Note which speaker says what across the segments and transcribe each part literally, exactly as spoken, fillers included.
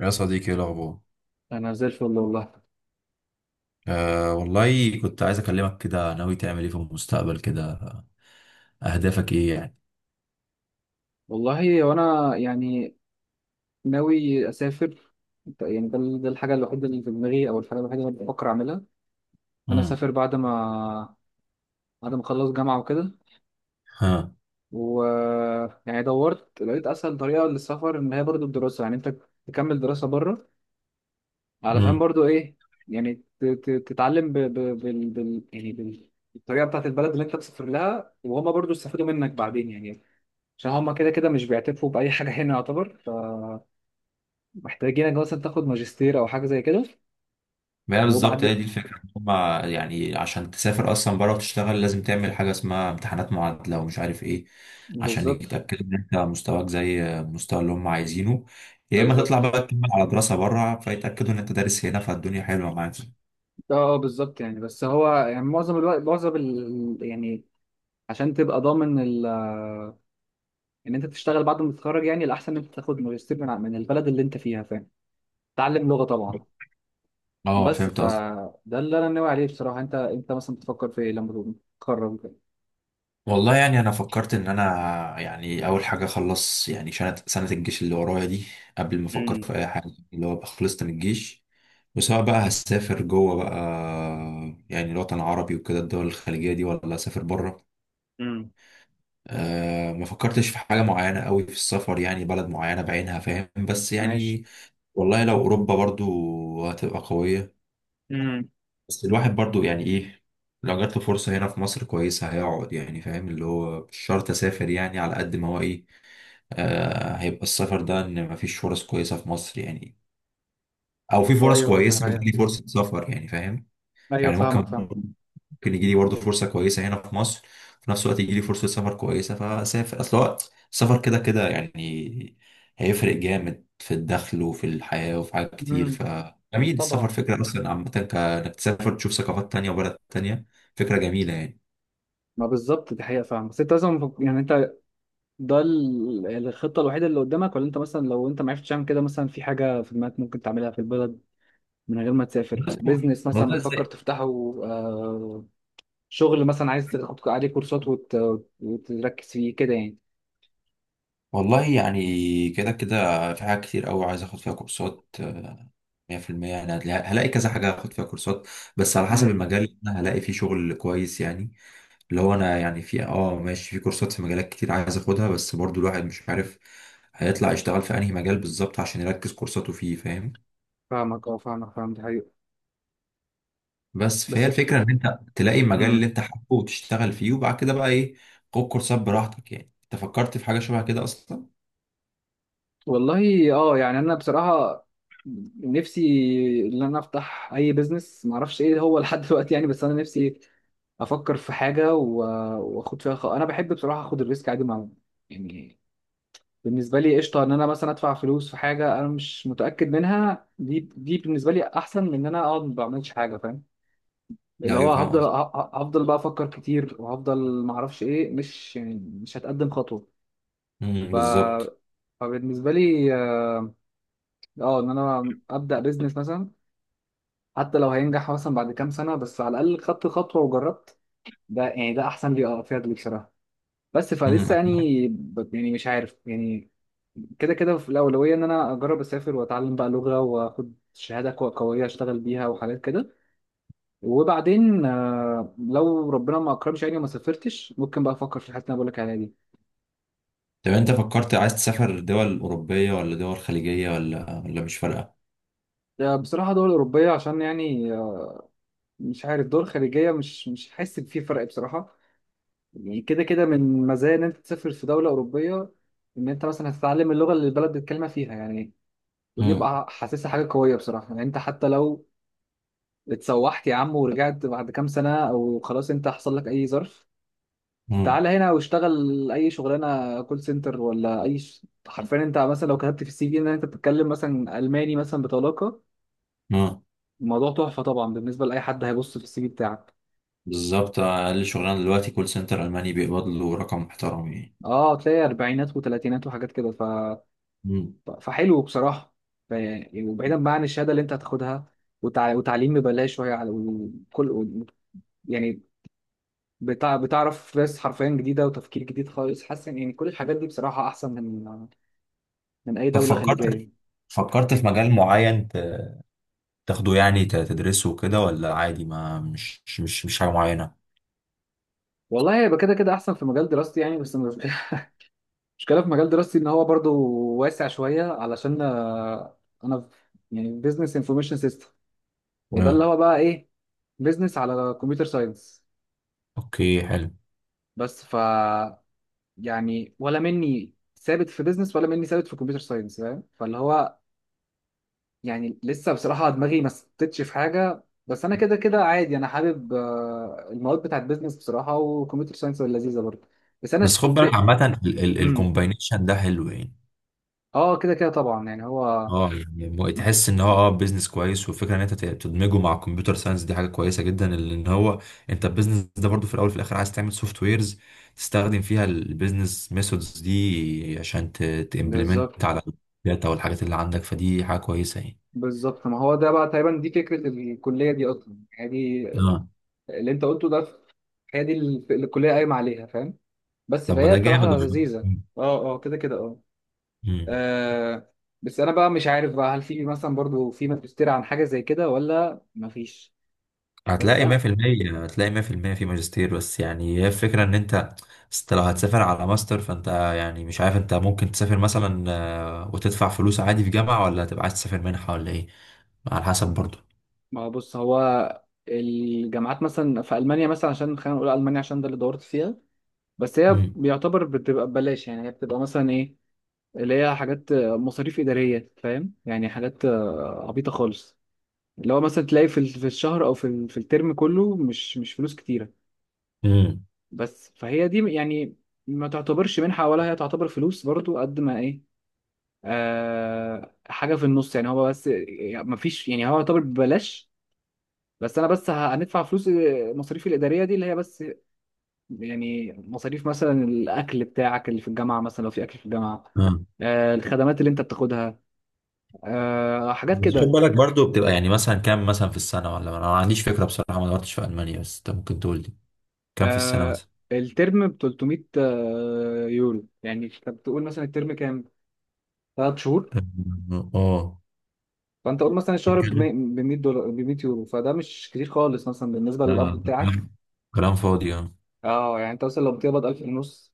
Speaker 1: يا صديقي، ايه الاخبار؟
Speaker 2: انا زي الفل والله.
Speaker 1: آه والله، كنت عايز اكلمك كده. ناوي تعمل ايه في المستقبل كده؟ اهدافك ايه يعني؟
Speaker 2: والله وانا يعني ناوي اسافر. يعني ده ده الحاجه الوحيده اللي في دماغي او الحاجه الوحيده اللي بفكر اعملها ان انا
Speaker 1: امم.
Speaker 2: اسافر بعد ما بعد ما اخلص جامعه وكده.
Speaker 1: ها.
Speaker 2: و يعني دورت لقيت اسهل طريقه للسفر ان هي برضو الدراسه، يعني انت تكمل دراسه بره علشان
Speaker 1: امم.
Speaker 2: برضو ايه، يعني ت- ت- تتعلم ب... ب... بال... بال... يعني بال... الطريقه بتاعت البلد اللي انت مسافر لها، وهما برضو استفادوا منك بعدين يعني. عشان هما كده كده مش بيعترفوا باي حاجه هنا، يعتبر محتاجينك مثلا تاخد ماجستير او حاجه زي كده.
Speaker 1: بقى بالظبط،
Speaker 2: وبعد
Speaker 1: هي دي الفكره. هما يعني عشان تسافر اصلا بره وتشتغل، لازم تعمل حاجه اسمها امتحانات معادله ومش عارف ايه، عشان
Speaker 2: بالظبط.
Speaker 1: يتاكدوا ان انت مستواك زي المستوى اللي هم عايزينه. يا اما تطلع
Speaker 2: بالظبط
Speaker 1: بقى تكمل على دراسه بره، فيتاكدوا ان انت دارس هنا، فالدنيا حلوه معاك.
Speaker 2: اه آه، بالظبط. يعني بس هو يعني معظم الوقت، معظم ال... يعني عشان تبقى ضامن ال... ان انت تشتغل بعد ما تتخرج يعني الاحسن ان انت تاخد ماجستير من ع- من البلد اللي انت فيها، فاهم، تعلم لغه طبعا.
Speaker 1: اه،
Speaker 2: بس
Speaker 1: فهمت.
Speaker 2: فده اللي انا ناوي عليه بصراحه. انت انت مثلا بتفكر في ايه لما تتخرج كده؟
Speaker 1: والله يعني انا فكرت ان انا يعني اول حاجه اخلص يعني سنه سنه الجيش اللي ورايا دي، قبل ما افكر
Speaker 2: امم.
Speaker 1: في اي حاجه. اللي هو ابقى خلصت من الجيش، وسواء بقى هسافر جوه بقى، يعني الوطن العربي وكده، الدول الخليجيه دي، ولا اسافر بره.
Speaker 2: امم.
Speaker 1: أه، ما فكرتش في حاجه معينه قوي في السفر، يعني بلد معينه بعينها، فاهم؟ بس
Speaker 2: ماشي.
Speaker 1: يعني والله لو اوروبا، برضو هتبقى قويه.
Speaker 2: امم.
Speaker 1: بس الواحد برضو يعني ايه، لو جات له فرصه هنا في مصر كويسه، هيقعد، يعني فاهم؟ اللي هو مش شرط اسافر، يعني على قد ما هو ايه. آه، هيبقى السفر ده ان مفيش فرص كويسه في مصر يعني، او في
Speaker 2: ايوه،
Speaker 1: فرص كويسه بس
Speaker 2: ايوه،
Speaker 1: ليه فرصه سفر، يعني فاهم؟
Speaker 2: ايوه،
Speaker 1: يعني
Speaker 2: فاهمك
Speaker 1: ممكن،
Speaker 2: فاهم.
Speaker 1: ممكن يجي لي برضه فرصه كويسه هنا في مصر، في نفس الوقت يجي لي فرصه سفر كويسه، فاسافر. اصل هو السفر كده كده يعني هيفرق جامد في الدخل وفي الحياه وفي حاجات كتير.
Speaker 2: امم.
Speaker 1: ف جميل السفر
Speaker 2: طبعا.
Speaker 1: فكره اصلا عامه، كانك تسافر تشوف ثقافات تانية وبلد تانية، فكره جميله يعني.
Speaker 2: ما بالظبط دي حقيقه فاهم. بس انت لازم يعني انت، ده ال- الخطة الوحيدة اللي قدامك، ولا انت مثلا لو انت ما عرفتش تعمل كده، مثلا في حاجة في دماغك ممكن تعملها في البلد من غير ما تسافر؟
Speaker 1: والله
Speaker 2: بيزنس مثلا بتفكر
Speaker 1: والله
Speaker 2: تفتحه؟ آه، شغل مثلا عايز تاخد عليه كورسات وت... وتركز فيه كده يعني؟
Speaker 1: والله يعني كده كده في حاجات كتير قوي عايز اخد فيها كورسات. آه، مية في المية يعني هتلاقي- هلاقي كذا حاجة هاخد فيها كورسات، بس على حسب
Speaker 2: امم.
Speaker 1: المجال اللي انا هلاقي فيه شغل كويس يعني. اللي هو انا يعني في اه ماشي، في كورسات في مجالات كتير عايز اخدها، بس برضو الواحد مش عارف هيطلع يشتغل في انهي مجال بالظبط عشان يركز كورساته فيه، فاهم؟
Speaker 2: فاهمك اه، فاهمك فاهم، دي حقيقة.
Speaker 1: بس فهي
Speaker 2: بس
Speaker 1: الفكرة ان انت تلاقي المجال
Speaker 2: مم.
Speaker 1: اللي انت حابه وتشتغل فيه، وبعد كده بقى ايه، خد كورسات براحتك. يعني انت فكرت في حاجة شبه كده اصلا؟
Speaker 2: والله اه يعني انا بصراحه نفسي ان انا افتح اي بيزنس، ما اعرفش ايه هو لحد دلوقتي يعني. بس انا نفسي افكر في حاجه و- واخد فيها خ... انا بحب بصراحه اخد الريسك عادي. مع يعني بالنسبه لي قشطه ان انا مثلا ادفع فلوس في حاجه انا مش متاكد منها، دي دي بالنسبه لي احسن من ان انا اقعد ما بعملش حاجه، فاهم. اللي
Speaker 1: ايوه،
Speaker 2: هو
Speaker 1: فاهم
Speaker 2: هفضل ه-
Speaker 1: قصدي.
Speaker 2: ه- هفضل بقى افكر كتير، وهفضل ما اعرفش ايه، مش يعني، مش هتقدم خطوه. ف...
Speaker 1: أمم، بالظبط.
Speaker 2: فبالنسبه لي اه ان انا ابدا بيزنس مثلا، حتى لو هينجح مثلا بعد كام سنه، بس على الاقل خدت خطوه وجربت. ده يعني ده احسن لي، اه فيها دي بصراحه. بس فلسه يعني، ب- يعني مش عارف يعني. كده كده في الاولويه ان انا اجرب اسافر واتعلم بقى لغه واخد شهاده كو- قويه اشتغل بيها وحاجات كده. وبعدين آه، لو ربنا ما اكرمش يعني وما سافرتش، ممكن بقى افكر في الحته اللي أنا بقول لك عليها دي.
Speaker 1: طب انت فكرت عايز تسافر دول أوروبية، ولا دول خليجية، ولا ولا مش فارقة؟
Speaker 2: آه، بصراحه دول اوروبيه، عشان يعني آه، مش عارف، دول خارجيه مش مش حاسس إن في فرق بصراحه. يعني كده كده من مزايا ان انت تسافر في دوله اوروبيه ان انت مثلا هتتعلم اللغه اللي البلد بيتكلمها فيها يعني. ودي
Speaker 1: امم.
Speaker 2: بقى حاسسها حاجه قويه بصراحه. يعني انت حتى لو اتسوحت يا عم ورجعت بعد كام سنه، او خلاص انت حصل لك اي ظرف،
Speaker 1: امم.
Speaker 2: تعالى هنا واشتغل اي شغلانه كول سنتر ولا اي ش... حرفيا انت مثلا لو كتبت في السي في ان انت بتتكلم مثلا الماني مثلا بطلاقه،
Speaker 1: امم.
Speaker 2: الموضوع تحفه طبعا بالنسبه لاي حد هيبص في السي في بتاعك.
Speaker 1: بالظبط، أقل شغلانة دلوقتي كول سنتر ألماني بيقبض له رقم محترم يعني.
Speaker 2: اه تلاقي اربعينات وثلاثينات وحاجات كده.
Speaker 1: امم.
Speaker 2: ف- فحلو بصراحة. ف- يعني وبعيدا بقى عن الشهادة اللي انت هتاخدها، وتع- وتعليم ببلاش، وهي على- وكل و- يعني بتع... بتعرف ناس حرفيا جديدة وتفكير جديد خالص. حاسس ان يعني كل الحاجات دي بصراحة أحسن من من أي
Speaker 1: طب
Speaker 2: دولة
Speaker 1: فكرت،
Speaker 2: خليجية.
Speaker 1: فكرت في مجال معين ت- تاخده يعني ت- تدرسه كده، ولا عادي ما مش مش مش حاجة معينة؟
Speaker 2: والله هيبقى كده كده أحسن في مجال دراستي يعني، بس مش- المشكلة في مجال دراستي إن هو برضو واسع شوية، علشان آه، أنا في- يعني بزنس انفورميشن سيستم، وده اللي
Speaker 1: امم.
Speaker 2: هو بقى إيه، بزنس على كمبيوتر ساينس.
Speaker 1: اوكي، حلو.
Speaker 2: بس ف يعني ولا مني ثابت في بيزنس ولا مني ثابت في كمبيوتر ساينس، فاهم، فاللي هو يعني لسه بصراحة دماغي ما ثبتتش في حاجة. بس انا كده كده عادي انا حابب آه، المواد بتاعت بيزنس بصراحة، وكمبيوتر ساينس لذيذة برضه. بس انا
Speaker 1: بس
Speaker 2: ش...
Speaker 1: خد
Speaker 2: ب...
Speaker 1: بالك عامة ال- ال-
Speaker 2: مم.
Speaker 1: الكومباينيشن ده حلو يعني.
Speaker 2: اه كده كده طبعا يعني، هو
Speaker 1: اه يعني مو- تحس ان هو اه بيزنس كويس، والفكره ان انت ت- تدمجه مع الكمبيوتر ساينس، دي حاجه كويسه جدا، لان هو انت البيزنس ده برضو في الاول وفي الاخر عايز تعمل سوفت ويرز تستخدم فيها البيزنس ميثودز دي عشان تمبلمنت
Speaker 2: بالظبط.
Speaker 1: على الداتا والحاجات اللي عندك، فدي حاجه كويسه يعني.
Speaker 2: بالظبط ما هو ده بقى تقريبا دي فكرة الكلية دي اصلا، يعني دي
Speaker 1: اه.
Speaker 2: اللي انت قلته ده، هي دي ال- الكلية قايمة عليها، فاهم. بس
Speaker 1: طب ما
Speaker 2: فهي
Speaker 1: ده جامد
Speaker 2: بصراحة
Speaker 1: والله.
Speaker 2: لذيذة. اه اه كده كده اه. آه بس انا بقى مش عارف بقى هل في مثلا برضو في ماجستير عن حاجه زي كده ولا مفيش. بس
Speaker 1: هتلاقي
Speaker 2: انا،
Speaker 1: مية في المية، هتلاقي مية في المية في ماجستير. بس يعني هي الفكرة ان انت، أصل لو هتسافر على ماستر، فانت يعني مش عارف، انت ممكن تسافر مثلا آه، وتدفع فلوس عادي في جامعة، ولا هتبقى عايز تسافر منحة، ولا ايه؟ على حسب برضو.
Speaker 2: ما هو بص، هو الجامعات مثلا في المانيا، مثلا عشان خلينا نقول المانيا عشان ده اللي دورت فيها. بس هي
Speaker 1: امم.
Speaker 2: بيعتبر بتبقى ببلاش، يعني هي بتبقى مثلا ايه، اللي هي حاجات مصاريف اداريه، فاهم، يعني حاجات آه، عبيطه خالص. اللي هو مثلا تلاقي في ال- في الشهر، او في ال- في الترم كله، مش مش فلوس كتيره.
Speaker 1: امم.
Speaker 2: بس فهي دي يعني ما تعتبرش منحه، ولا هي تعتبر فلوس برضو، قد ما ايه، آه، حاجه في النص، يعني هو. بس يعني مفيش، يعني هو يعتبر ببلاش، بس انا بس ه- هندفع فلوس مصاريفي الاداريه دي اللي هي بس، يعني مصاريف مثلا الاكل بتاعك اللي في الجامعه مثلا لو في اكل في الجامعه،
Speaker 1: آه.
Speaker 2: آه، الخدمات اللي انت بتاخدها، آه، حاجات
Speaker 1: بس خد
Speaker 2: كده.
Speaker 1: بالك برضو بتبقى يعني مثلا كام مثلا في السنة؟ ولا انا ما عنديش فكرة بصراحة، ما دورتش في ألمانيا، بس انت ممكن تقول لي كام في السنة
Speaker 2: آه،
Speaker 1: مثلا.
Speaker 2: الترم ب ثلاثمية آه، يورو، يعني انت بتقول مثلا الترم كام، ثلاث شهور،
Speaker 1: أم، اه.
Speaker 2: فانت قول مثلا الشهر ب مية دولار، ب مية يورو، فده مش كتير خالص مثلا بالنسبه للقبض
Speaker 1: لا،
Speaker 2: بتاعك.
Speaker 1: كلام، كلام فاضي. اه.
Speaker 2: اه يعني انت مثلا لو بتقبض الف ونص،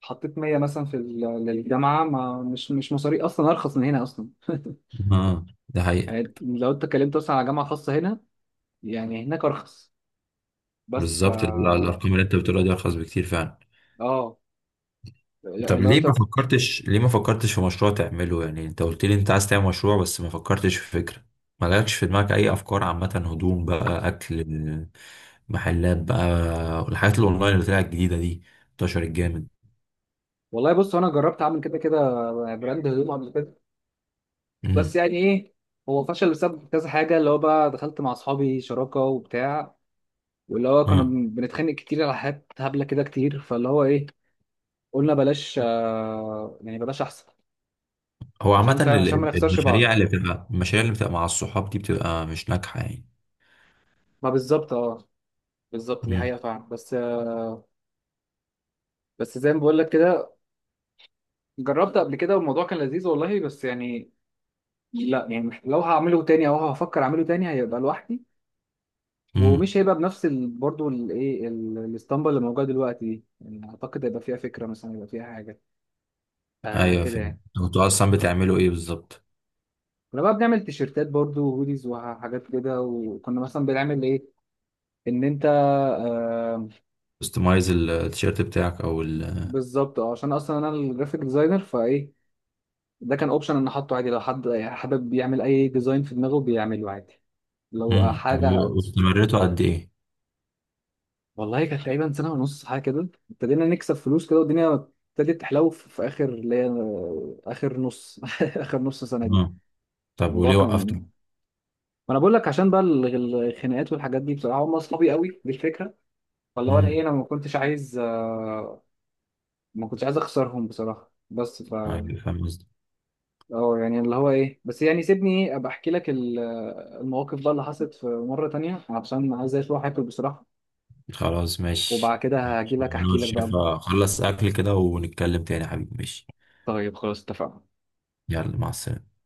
Speaker 2: حطيت مية مثلا في ال- للجامعه، ما مش، مش مصاري اصلا ارخص من هنا اصلا
Speaker 1: آه، ده حقيقة.
Speaker 2: يعني لو انت اتكلمت اصلا على جامعه خاصه هنا، يعني هناك ارخص. بس ف
Speaker 1: بالظبط ال- الارقام اللي انت بتقولها دي ارخص بكتير فعلا.
Speaker 2: اه لا-
Speaker 1: طب
Speaker 2: لو
Speaker 1: ليه
Speaker 2: انت.
Speaker 1: ما فكرتش، ليه ما فكرتش في مشروع تعمله؟ يعني انت قلت لي انت عايز تعمل مشروع، بس ما فكرتش في فكرة؟ ما لكش في دماغك اي افكار عامة؟ هدوم بقى، اكل، محلات بقى، الحاجات الاونلاين اللي طلعت الجديدة دي، انتشرت جامد.
Speaker 2: والله بص انا جربت اعمل كده كده براند هدوم قبل كده، بس
Speaker 1: امم.
Speaker 2: يعني ايه، هو فشل بسبب كذا حاجه، اللي هو بقى دخلت مع اصحابي شراكه وبتاع، واللي هو كنا
Speaker 1: ها.
Speaker 2: بن- بنتخانق كتير على حاجات هبله كده كتير. فاللي هو ايه، قلنا بلاش آه، يعني بلاش احسن
Speaker 1: هو عامة
Speaker 2: عشان
Speaker 1: ال-
Speaker 2: فعلا عشان ما
Speaker 1: ال-
Speaker 2: نخسرش
Speaker 1: المشاريع
Speaker 2: بعض.
Speaker 1: اللي بتبقى، المشاريع اللي بتبقى مع الصحاب دي بتبقى مش ناجحة يعني.
Speaker 2: ما بالظبط اه، بالظبط دي
Speaker 1: امم.
Speaker 2: حقيقة فعلا. بس بس زي ما بقول لك كده، جربت قبل كده والموضوع كان لذيذ والله. بس يعني لا يعني، مح- لو هعمله تاني او هفكر اعمله تاني هيبقى لوحدي،
Speaker 1: امم.
Speaker 2: ومش هيبقى بنفس ال... برضه الايه ال- الاسطمبة اللي موجودة دلوقتي دي. يعني اعتقد هيبقى فيها فكرة مثلا، هيبقى فيها حاجة آه
Speaker 1: ايوه،
Speaker 2: كده
Speaker 1: فهمت.
Speaker 2: يعني.
Speaker 1: طب انتوا اصلا بتعملوا ايه بالظبط؟
Speaker 2: كنا بقى بنعمل تيشيرتات برضه وهوديز وحاجات كده، وكنا مثلا بنعمل ايه، ان انت آه
Speaker 1: كستمايز التيشيرت بتاعك او ال.
Speaker 2: بالظبط. اه عشان اصلا انا الجرافيك ديزاينر، فايه ده كان اوبشن ان احطه عادي، لو حد حابب يعمل اي ديزاين في دماغه بيعمله عادي لو
Speaker 1: امم. طب
Speaker 2: حاجه.
Speaker 1: واستمريتوا قد ايه؟
Speaker 2: والله كانت تقريبا سنه ونص حاجه كده، ابتدينا نكسب فلوس كده، والدنيا ابتدت تحلو في في اخر اللي هي، اخر نص اخر نص سنه دي.
Speaker 1: طب
Speaker 2: الموضوع
Speaker 1: وليه وقفته؟
Speaker 2: كان، ما انا بقول لك عشان بقى ال- ال- الخناقات والحاجات دي بصراحه، هم اصحابي قوي دي الفكره. فاللي هو انا ايه،
Speaker 1: امم.
Speaker 2: انا ما كنتش عايز آه، ما كنتش عايز اخسرهم بصراحه. بس ف
Speaker 1: أيوة، فاهم قصدي.
Speaker 2: اه يعني اللي هو ايه، بس يعني سيبني ابقى احكي لك ال- المواقف بقى اللي حصلت في مره تانية عشان عايز اروح اكل بصراحه،
Speaker 1: خلاص،
Speaker 2: وبعد
Speaker 1: ماشي.
Speaker 2: كده هاجي
Speaker 1: ماشي.
Speaker 2: لك
Speaker 1: أنا
Speaker 2: احكي لك بقى.
Speaker 1: والشيف هخلص أكل كده ونتكلم تاني يا حبيبي، ماشي؟
Speaker 2: طيب خلاص اتفقنا.
Speaker 1: يلا، مع السلامة.